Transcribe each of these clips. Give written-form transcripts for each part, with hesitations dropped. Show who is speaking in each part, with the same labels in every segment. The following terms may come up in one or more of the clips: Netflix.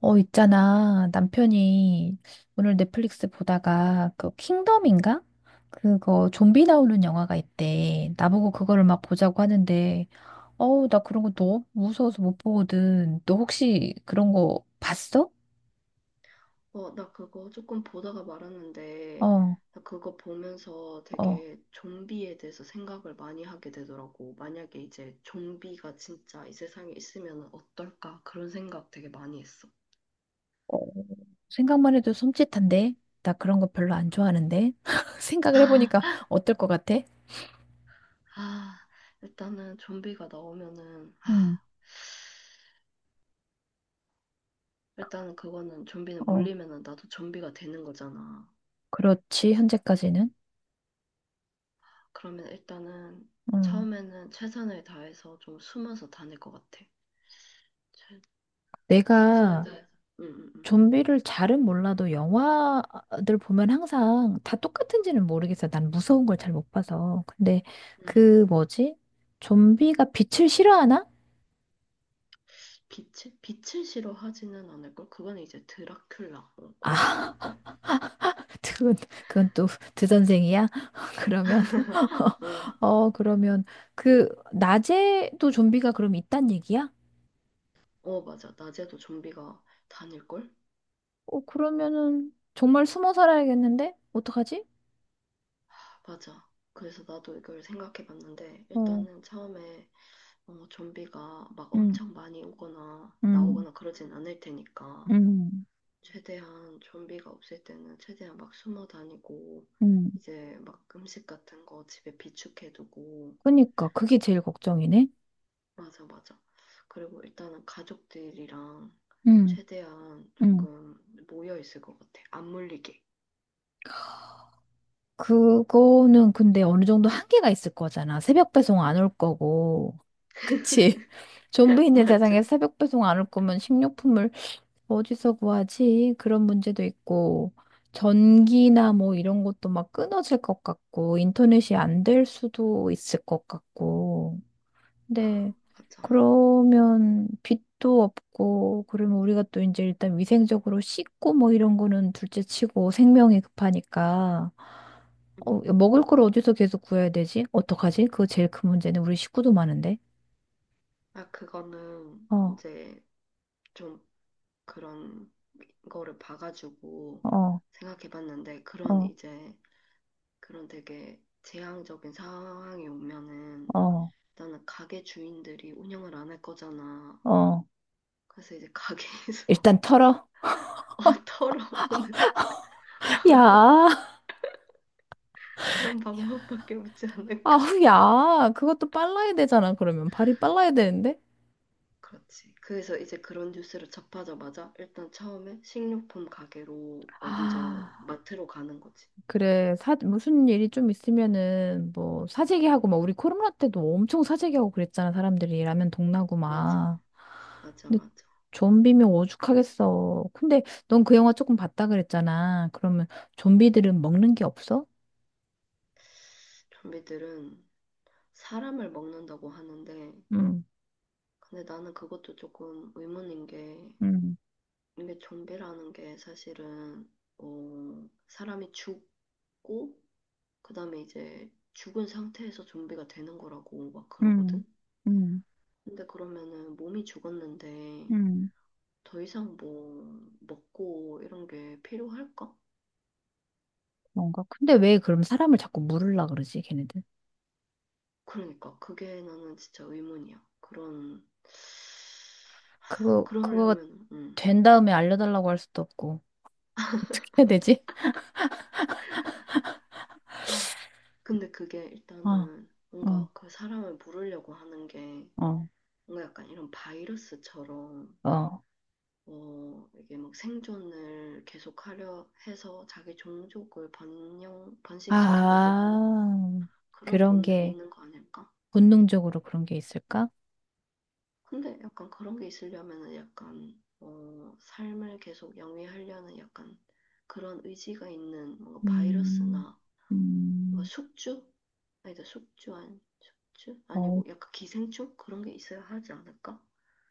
Speaker 1: 있잖아. 남편이 오늘 넷플릭스 보다가 그 킹덤인가? 그거 좀비 나오는 영화가 있대. 나보고 그거를 막 보자고 하는데, 어우, 나 그런 거 너무 무서워서 못 보거든. 너 혹시 그런 거 봤어?
Speaker 2: 나 그거 조금 보다가 말았는데,
Speaker 1: 어,
Speaker 2: 나 그거 보면서
Speaker 1: 어.
Speaker 2: 되게 좀비에 대해서 생각을 많이 하게 되더라고. 만약에 이제 좀비가 진짜 이 세상에 있으면 어떨까? 그런 생각 되게 많이 했어.
Speaker 1: 어, 생각만 해도 섬찟한데? 나 그런 거 별로 안 좋아하는데? 생각을 해보니까 어떨 것 같아?
Speaker 2: 아, 일단은 좀비가 나오면은,
Speaker 1: 음,
Speaker 2: 일단은 그거는 좀비는
Speaker 1: 어,
Speaker 2: 물리면은 나도 좀비가 되는 거잖아.
Speaker 1: 그렇지, 현재까지는.
Speaker 2: 그러면 일단은
Speaker 1: 음.
Speaker 2: 처음에는 최선을 다해서 좀 숨어서 다닐 것 같아. 최, 최선을
Speaker 1: 내가
Speaker 2: 다해서. 응.
Speaker 1: 좀비를 잘은 몰라도 영화들 보면 항상 다 똑같은지는 모르겠어요. 난 무서운 걸 잘 못 봐서. 근데
Speaker 2: 응.
Speaker 1: 그 뭐지? 좀비가 빛을 싫어하나?
Speaker 2: 빛을 싫어하지는 않을걸? 그거는 이제 드라큘라, 그런 걸걸?
Speaker 1: 아, 그건, 그건 또 드선생이야? 그러면,
Speaker 2: 응,
Speaker 1: 어, 그러면 그 낮에도 좀비가 그럼 있단 얘기야?
Speaker 2: 어, 맞아. 낮에도 좀비가 다닐걸?
Speaker 1: 어, 그러면은 정말 숨어 살아야겠는데? 어떡하지?
Speaker 2: 맞아. 그래서 나도 이걸 생각해 봤는데,
Speaker 1: 어,
Speaker 2: 일단은 처음에 좀비가 막
Speaker 1: 응,
Speaker 2: 엄청 많이 오거나
Speaker 1: 응,
Speaker 2: 나오거나 그러진 않을 테니까,
Speaker 1: 응,
Speaker 2: 최대한 좀비가 없을 때는 최대한 막 숨어 다니고,
Speaker 1: 응.
Speaker 2: 이제 막 음식 같은 거 집에 비축해 두고,
Speaker 1: 그니까 그게 제일 걱정이네.
Speaker 2: 맞아. 그리고 일단은 가족들이랑
Speaker 1: 응,
Speaker 2: 최대한
Speaker 1: 응.
Speaker 2: 조금 모여 있을 것 같아. 안 물리게.
Speaker 1: 그거는 근데 어느 정도 한계가 있을 거잖아. 새벽 배송 안 올 거고. 그치? 좀비 있는
Speaker 2: 맞아.
Speaker 1: 세상에 새벽 배송 안 올 거면 식료품을 어디서 구하지? 그런 문제도 있고. 전기나 뭐 이런 것도 막 끊어질 것 같고, 인터넷이 안 될 수도 있을 것 같고. 네.
Speaker 2: 맞아.
Speaker 1: 그러면 빛도 없고, 그러면 우리가 또 이제 일단 위생적으로 씻고 뭐 이런 거는 둘째 치고 생명이 급하니까,
Speaker 2: 음.
Speaker 1: 먹을 걸 어디서 계속 구해야 되지? 어떡하지? 그거 제일 큰 문제는 우리 식구도 많은데.
Speaker 2: 그거는
Speaker 1: 어,
Speaker 2: 이제 좀 그런 거를 봐가지고
Speaker 1: 어,
Speaker 2: 생각해 봤는데, 그런
Speaker 1: 어,
Speaker 2: 이제 그런 되게 재앙적인 상황이 오면은
Speaker 1: 어,
Speaker 2: 일단은 가게 주인들이 운영을 안 할 거잖아.
Speaker 1: 어.
Speaker 2: 그래서 이제 가게에서
Speaker 1: 일단 털어.
Speaker 2: 어, 털어오는
Speaker 1: 야,
Speaker 2: 그런 방법밖에 없지 않을까.
Speaker 1: 아우, 야. 그것도 빨라야 되잖아, 그러면. 발이 빨라야 되는데?
Speaker 2: 그렇지. 그래서 이제 그런 뉴스를 접하자마자 일단 처음에 식료품 가게로
Speaker 1: 아.
Speaker 2: 먼저 마트로 가는 거지.
Speaker 1: 그래, 무슨 일이 좀 있으면은, 뭐, 사재기하고, 막, 우리 코로나 때도 엄청 사재기하고 그랬잖아, 사람들이. 라면 동나고
Speaker 2: 맞아,
Speaker 1: 막. 근데
Speaker 2: 맞아.
Speaker 1: 좀비면 오죽하겠어. 근데 넌 그 영화 조금 봤다 그랬잖아. 그러면 좀비들은 먹는 게 없어?
Speaker 2: 좀비들은 사람을 먹는다고 하는데,
Speaker 1: 응,
Speaker 2: 근데 나는 그것도 조금 의문인 게,
Speaker 1: 응,
Speaker 2: 이게 좀비라는 게 사실은, 사람이 죽고, 그 다음에 이제 죽은 상태에서 좀비가 되는 거라고 막
Speaker 1: 응,
Speaker 2: 그러거든?
Speaker 1: 응,
Speaker 2: 근데 그러면은 몸이 죽었는데,
Speaker 1: 응.
Speaker 2: 더 이상 뭐 먹고 이런 게 필요할까?
Speaker 1: 뭔가 근데 왜 그럼 사람을 자꾸 물으려 그러지, 걔네들?
Speaker 2: 그러니까 그게 나는 진짜 의문이야. 그런 하,
Speaker 1: 그거
Speaker 2: 그러려면
Speaker 1: 된 다음에 알려달라고 할 수도 없고. 어떻게 해야 되지?
Speaker 2: 아, 근데 그게
Speaker 1: 아,
Speaker 2: 일단은
Speaker 1: 응,
Speaker 2: 뭔가 그 사람을 물으려고 하는 게
Speaker 1: 어,
Speaker 2: 뭔가 약간 이런 바이러스처럼
Speaker 1: 어,
Speaker 2: 이게 막 생존을 계속하려 해서 자기 종족을 번영 번식시키려고 하는
Speaker 1: 아,
Speaker 2: 그런
Speaker 1: 그런
Speaker 2: 본능이
Speaker 1: 게,
Speaker 2: 있는 거 아닐까?
Speaker 1: 본능적으로 그런 게 있을까?
Speaker 2: 근데 약간 그런 게 있으려면은 약간 삶을 계속 영위하려는 약간 그런 의지가 있는 뭔가
Speaker 1: 음,
Speaker 2: 바이러스나 뭔가
Speaker 1: 음,
Speaker 2: 숙주? 아니다 숙주 아니 숙주?
Speaker 1: 어,
Speaker 2: 아니고 약간 기생충? 그런 게 있어야 하지 않을까?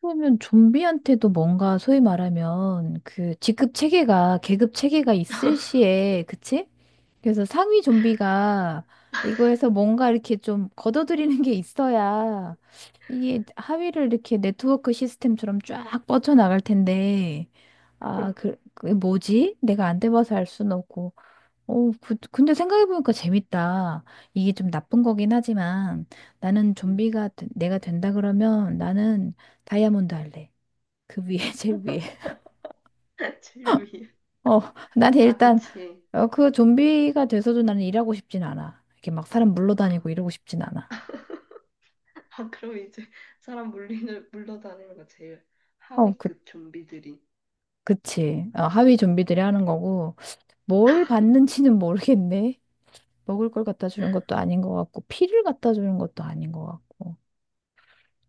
Speaker 1: 그러면 좀비한테도 뭔가 소위 말하면 그 직급 체계가, 계급 체계가 있을 시에, 그치? 그래서 상위 좀비가 이거에서 뭔가 이렇게 좀 걷어들이는 게 있어야 이게 하위를 이렇게 네트워크 시스템처럼 쫙 뻗쳐나갈 텐데, 아, 그 뭐지? 내가 안 돼봐서 알 수는 없고. 오, 근데 생각해보니까 재밌다. 이게 좀 나쁜 거긴 하지만 나는
Speaker 2: 음.
Speaker 1: 내가 된다 그러면 나는 다이아몬드 할래. 그 위에, 제일 위에.
Speaker 2: 제일 위에.
Speaker 1: 어, 난
Speaker 2: 아
Speaker 1: 일단
Speaker 2: 그치.
Speaker 1: 그 좀비가 돼서도 나는 일하고 싶진 않아. 이렇게 막 사람
Speaker 2: 아,
Speaker 1: 물러다니고 이러고 싶진 않아.
Speaker 2: 아 그럼 이제 사람 물리는 물러다니는 거 제일
Speaker 1: 어, 그,
Speaker 2: 하위급 좀비들이.
Speaker 1: 그치.
Speaker 2: 아
Speaker 1: 하위 좀비들이 하는 거고 뭘 받는지는 모르겠네. 먹을 걸 갖다 주는 것도 아닌 것 같고 피를 갖다 주는 것도 아닌 것 같고.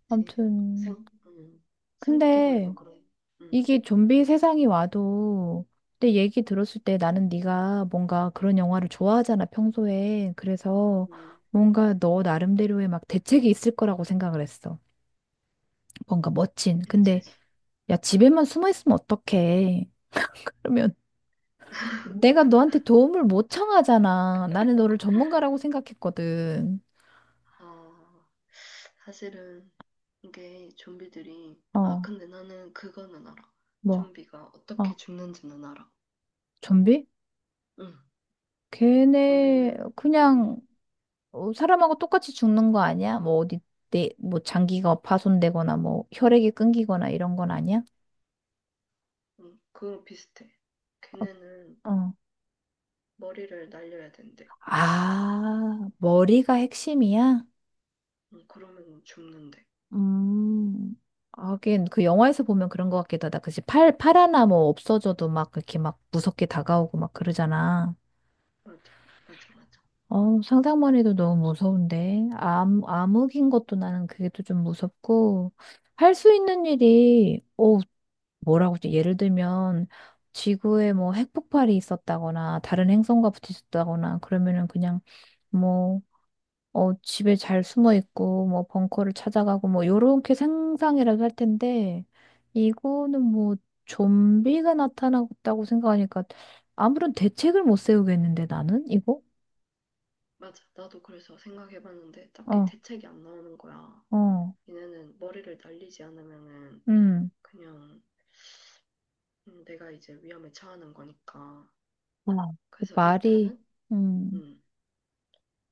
Speaker 2: 그치.
Speaker 1: 아무튼
Speaker 2: 생 음, 생각해보니까
Speaker 1: 근데
Speaker 2: 그래. 음.
Speaker 1: 이게 좀비 세상이 와도 내 얘기 들었을 때 나는 네가 뭔가 그런 영화를 좋아하잖아, 평소에. 그래서
Speaker 2: 음, 음.
Speaker 1: 뭔가 너 나름대로의 막 대책이 있을 거라고 생각을 했어. 뭔가 멋진. 근데
Speaker 2: 그치.
Speaker 1: 야, 집에만 숨어 있으면 어떡해. 그러면 내가 너한테 도움을 못 청하잖아. 나는 너를 전문가라고 생각했거든.
Speaker 2: 아 사실은 이게 좀비들이
Speaker 1: 어,
Speaker 2: 근데 나는 그거는 알아.
Speaker 1: 뭐,
Speaker 2: 좀비가
Speaker 1: 어,
Speaker 2: 어떻게 죽는지는 알아.
Speaker 1: 좀비?
Speaker 2: 응.
Speaker 1: 걔네
Speaker 2: 좀비는 응.
Speaker 1: 그냥 사람하고 똑같이 죽는 거 아니야? 뭐 어디 뭐 장기가 파손되거나 뭐 혈액이 끊기거나 이런 건 아니야?
Speaker 2: 응. 그거 비슷해. 걔네는
Speaker 1: 어.
Speaker 2: 머리를 날려야 된대.
Speaker 1: 아, 머리가 핵심이야?
Speaker 2: 응. 그러면 죽는데.
Speaker 1: 음. 하긴 그 영화에서 보면 그런 것 같기도 하다. 그치? 팔 하나 뭐 없어져도 막 그렇게 막 무섭게 다가오고 막 그러잖아.
Speaker 2: 맞아. 맞아.
Speaker 1: 어, 상상만 해도 너무 무서운데. 암흑인 것도 나는 그게 또 좀 무섭고. 할 수 있는 일이, 뭐라고 좀 예를 들면 지구에 뭐 핵폭발이 있었다거나 다른 행성과 부딪혔다거나 그러면은 그냥 뭐 집에 잘 숨어 있고 뭐 벙커를 찾아가고 뭐 요렇게 상상이라도 할 텐데 이거는 뭐 좀비가 나타났다고 생각하니까 아무런 대책을 못 세우겠는데 나는 이거
Speaker 2: 나도 그래서 생각해봤는데 딱히
Speaker 1: 어,
Speaker 2: 대책이 안 나오는 거야.
Speaker 1: 어,
Speaker 2: 얘네는 머리를 날리지 않으면은
Speaker 1: 음.
Speaker 2: 그냥 내가 이제 위험에 처하는 거니까.
Speaker 1: 아,
Speaker 2: 그래서
Speaker 1: 말이
Speaker 2: 일단은
Speaker 1: 음.
Speaker 2: 응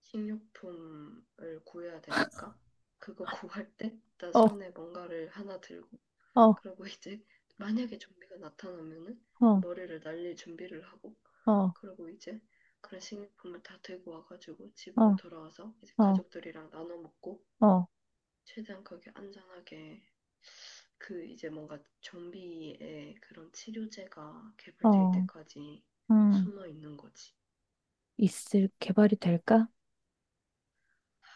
Speaker 2: 식료품을 구해야 되니까 그거 구할 때 나
Speaker 1: 어,
Speaker 2: 손에 뭔가를 하나 들고
Speaker 1: 어,
Speaker 2: 그리고 이제 만약에 좀비가 나타나면은
Speaker 1: 어,
Speaker 2: 머리를 날릴 준비를 하고
Speaker 1: 어,
Speaker 2: 그리고 이제 그런 식료품을 다 들고 와가지고 집으로
Speaker 1: 어,
Speaker 2: 돌아와서 이제
Speaker 1: 어,
Speaker 2: 가족들이랑 나눠 먹고
Speaker 1: 어,
Speaker 2: 최대한 거기 안전하게 그 이제 뭔가 좀비의 그런 치료제가 개발될
Speaker 1: 어,
Speaker 2: 때까지
Speaker 1: 음.
Speaker 2: 숨어 있는 거지.
Speaker 1: 있을 개발이 될까?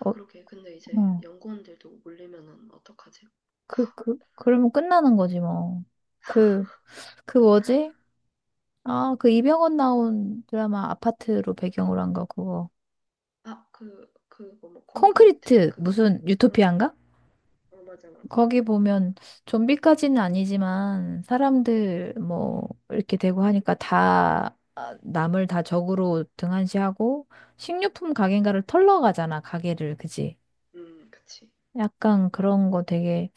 Speaker 1: 어,
Speaker 2: 그렇게 근데 이제
Speaker 1: 어.
Speaker 2: 연구원들도 몰리면은 어떡하지?
Speaker 1: 그러면 끝나는 거지 뭐. 그, 그 뭐지? 아, 그 이병헌 나온 드라마 아파트로 배경으로 한 거 그거.
Speaker 2: 아, 그, 그거 뭐, 콘크리트
Speaker 1: 콘크리트
Speaker 2: 그거.
Speaker 1: 무슨
Speaker 2: 응,
Speaker 1: 유토피아인가?
Speaker 2: 어, 맞아.
Speaker 1: 거기 보면 좀비까지는 아니지만 사람들 뭐 이렇게 되고 하니까 다 아, 남을 다 적으로 등한시하고 식료품 가게인가를 털러 가잖아 가게를 그지?
Speaker 2: 그치.
Speaker 1: 약간 그런 거 되게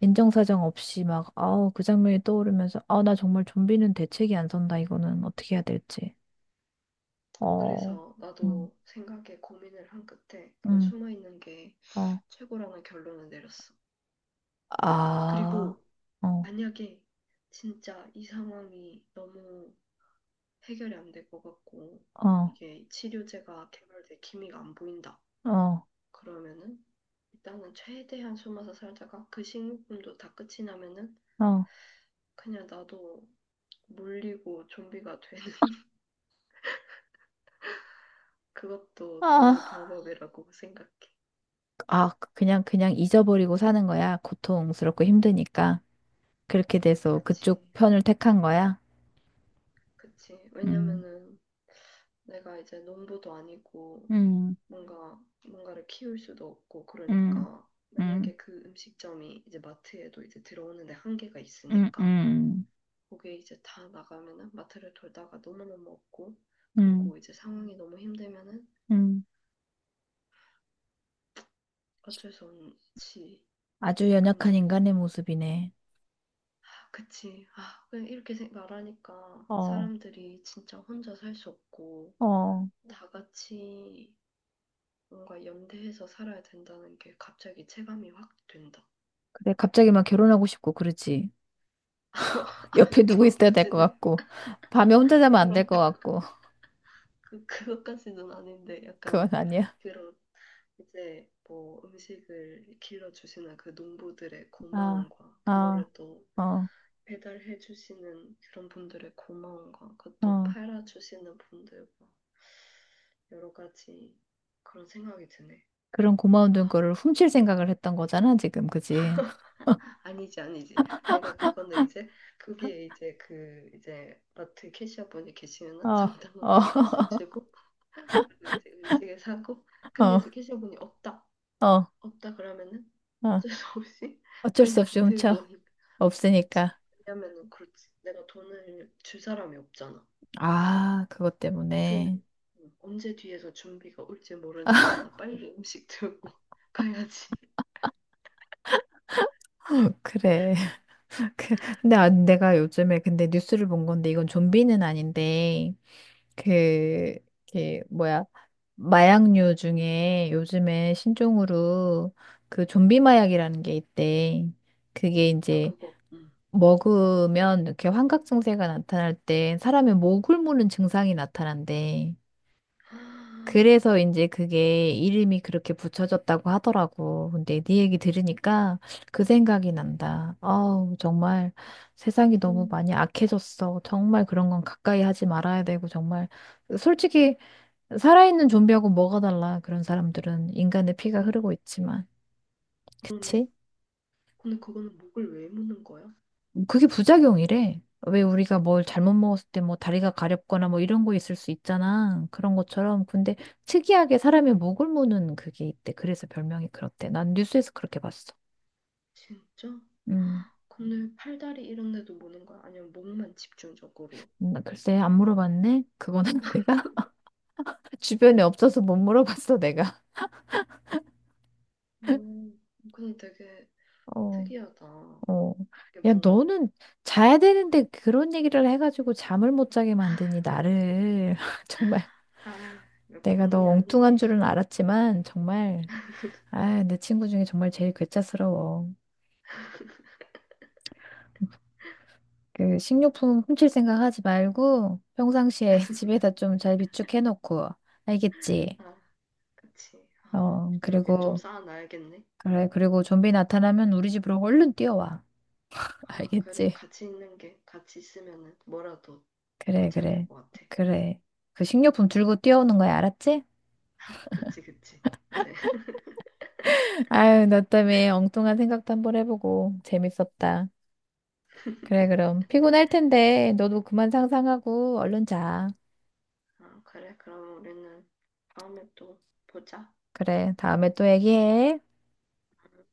Speaker 1: 인정사정 없이 막, 아우, 그 장면이 떠오르면서, 아, 나 정말 좀비는 대책이 안 선다, 이거는 어떻게 해야 될지. 어,
Speaker 2: 그래서
Speaker 1: 음,
Speaker 2: 나도 생각에 고민을 한 끝에 그냥
Speaker 1: 음,
Speaker 2: 숨어있는 게
Speaker 1: 어,
Speaker 2: 최고라는 결론을 내렸어.
Speaker 1: 아,
Speaker 2: 그리고
Speaker 1: 어,
Speaker 2: 만약에 진짜 이 상황이 너무 해결이 안 될 것 같고
Speaker 1: 어,
Speaker 2: 이게 치료제가 개발될 기미가 안 보인다.
Speaker 1: 어,
Speaker 2: 그러면은 일단은 최대한 숨어서 살다가 그 식료품도 다 끝이 나면은
Speaker 1: 어,
Speaker 2: 그냥 나도 물리고 좀비가 돼. 그것도
Speaker 1: 아,
Speaker 2: 좋은 방법이라고 생각해.
Speaker 1: 아, 그냥 잊어버리고 사는 거야. 고통스럽고 힘드니까. 그렇게 돼서
Speaker 2: 그치,
Speaker 1: 그쪽 편을 택한 거야.
Speaker 2: 그치.
Speaker 1: 음,
Speaker 2: 왜냐면은 내가 이제 농부도 아니고
Speaker 1: 음,
Speaker 2: 뭔가를 키울 수도 없고
Speaker 1: 음,
Speaker 2: 그러니까
Speaker 1: 음,
Speaker 2: 만약에 그 음식점이 이제 마트에도 이제 들어오는데 한계가
Speaker 1: 음,
Speaker 2: 있으니까
Speaker 1: 음,
Speaker 2: 거기에 이제 다 나가면은 마트를 돌다가 너무너무 없고
Speaker 1: 음,
Speaker 2: 그리고 이제 상황이 너무 힘들면은
Speaker 1: 음.
Speaker 2: 어쩔 수 없지.
Speaker 1: 아주 연약한
Speaker 2: 그냥
Speaker 1: 인간의 모습이네.
Speaker 2: 아, 그치. 그냥 이렇게 말하니까
Speaker 1: 어,
Speaker 2: 사람들이 진짜 혼자 살 수 없고
Speaker 1: 어.
Speaker 2: 다 같이 뭔가 연대해서 살아야 된다는 게 갑자기 체감이 확 된다.
Speaker 1: 그래, 갑자기 막 결혼하고 싶고, 그러지. 옆에 누구 있어야 될 것
Speaker 2: 결혼까지는
Speaker 1: 같고, 밤에 혼자 자면 안 될
Speaker 2: 결혼
Speaker 1: 것 같고,
Speaker 2: 그 그것까지는 아닌데
Speaker 1: 그건
Speaker 2: 약간
Speaker 1: 아니야.
Speaker 2: 그런 이제 뭐 음식을 길러 주시는 그 농부들의
Speaker 1: 아,
Speaker 2: 고마움과
Speaker 1: 아,
Speaker 2: 그거를 또
Speaker 1: 어,
Speaker 2: 배달해 주시는 그런 분들의 고마움과 그것도
Speaker 1: 어.
Speaker 2: 팔아 주시는 분들과 여러 가지 그런 생각이 드네.
Speaker 1: 그런 고마운
Speaker 2: 아,
Speaker 1: 돈거를 훔칠 생각을 했던 거잖아, 지금, 그지?
Speaker 2: 아니지. 내가 그거는 이제, 거기에 이제 그, 이제, 마트 캐시어분이
Speaker 1: 어,
Speaker 2: 계시면은
Speaker 1: 어,
Speaker 2: 정당하게 값을 주고, 그리고 이제 음식을 사고, 근데
Speaker 1: 어,
Speaker 2: 이제 캐시어분이 없다,
Speaker 1: 어,
Speaker 2: 그러면은
Speaker 1: 어.
Speaker 2: 어쩔 수 없이
Speaker 1: 어쩔 수
Speaker 2: 그냥
Speaker 1: 없이 훔쳐.
Speaker 2: 들고 오는 거지.
Speaker 1: 없으니까.
Speaker 2: 왜냐면은 그렇지. 내가 돈을 줄 사람이 없잖아.
Speaker 1: 아, 그것
Speaker 2: 그,
Speaker 1: 때문에.
Speaker 2: 언제 뒤에서 준비가 올지 모르니까 나 빨리 음식 들고 가야지.
Speaker 1: 그래. 그 근데 아, 내가 요즘에 근데 뉴스를 본 건데 이건 좀비는 아닌데 그, 그 뭐야 마약류 중에 요즘에 신종으로 그 좀비 마약이라는 게 있대.
Speaker 2: 어,
Speaker 1: 그게
Speaker 2: 나
Speaker 1: 이제
Speaker 2: 그거, 응.
Speaker 1: 먹으면 이렇게 환각 증세가 나타날 때 사람의 목을 무는 증상이 나타난대. 그래서 이제 그게 이름이 그렇게 붙여졌다고 하더라고. 근데 네 얘기 들으니까 그 생각이 난다. 아우, 정말 세상이 너무
Speaker 2: 음,
Speaker 1: 많이 악해졌어. 정말 그런 건 가까이 하지 말아야 되고, 정말. 솔직히, 살아있는 좀비하고 뭐가 달라. 그런 사람들은 인간의 피가
Speaker 2: 음,
Speaker 1: 흐르고 있지만.
Speaker 2: 그러네.
Speaker 1: 그치?
Speaker 2: 근데 그거는 목을 왜 무는 거야?
Speaker 1: 그게 부작용이래. 왜 우리가 뭘 잘못 먹었을 때 뭐 다리가 가렵거나 뭐 이런 거 있을 수 있잖아. 그런 것처럼. 근데 특이하게 사람의 목을 무는 그게 있대. 그래서 별명이 그렇대. 난 뉴스에서 그렇게 봤어.
Speaker 2: 진짜?
Speaker 1: 음.
Speaker 2: 근데 팔다리 이런 데도 무는 거야? 아니면 목만 집중적으로?
Speaker 1: 나 글쎄 안 물어봤네. 그거는 내가 주변에 없어서 못 물어봤어, 내가.
Speaker 2: 음, 근데 되게
Speaker 1: 어,
Speaker 2: 특이하다.
Speaker 1: 어.
Speaker 2: 이게
Speaker 1: 야,
Speaker 2: 뭔가,
Speaker 1: 너는 자야
Speaker 2: 음,
Speaker 1: 되는데 그런 얘기를 해가지고 잠을 못 자게 만드니 나를 정말
Speaker 2: 아, 이거
Speaker 1: 내가 너
Speaker 2: 본의
Speaker 1: 엉뚱한
Speaker 2: 아니게.
Speaker 1: 줄은 알았지만 정말 아, 내 친구 중에 정말 제일 괴짜스러워. 그 식료품 훔칠 생각 하지 말고 평상시에 집에다 좀 잘 비축해놓고 알겠지?
Speaker 2: 아, 그치. 아,
Speaker 1: 어,
Speaker 2: 그러게. 좀
Speaker 1: 그리고
Speaker 2: 쌓아놔야겠네.
Speaker 1: 그래
Speaker 2: 음.
Speaker 1: 그리고 좀비 나타나면 우리 집으로 얼른 뛰어와.
Speaker 2: 아, 그래.
Speaker 1: 알겠지?
Speaker 2: 같이 있는 게, 같이 있으면은 뭐라도 더
Speaker 1: 그래,
Speaker 2: 잘 될
Speaker 1: 그래,
Speaker 2: 것 같아.
Speaker 1: 그래. 그 식료품 들고 뛰어오는 거야, 알았지?
Speaker 2: 그치, 그치. 이제.
Speaker 1: 아유, 나 때문에 엉뚱한 생각도 한번 해보고 재밌었다. 그래, 그럼 피곤할 텐데 너도 그만 상상하고 얼른 자.
Speaker 2: 아, 그래. 그럼 우리는 다음에 또 보자.
Speaker 1: 그래, 다음에 또 얘기해.
Speaker 2: 음.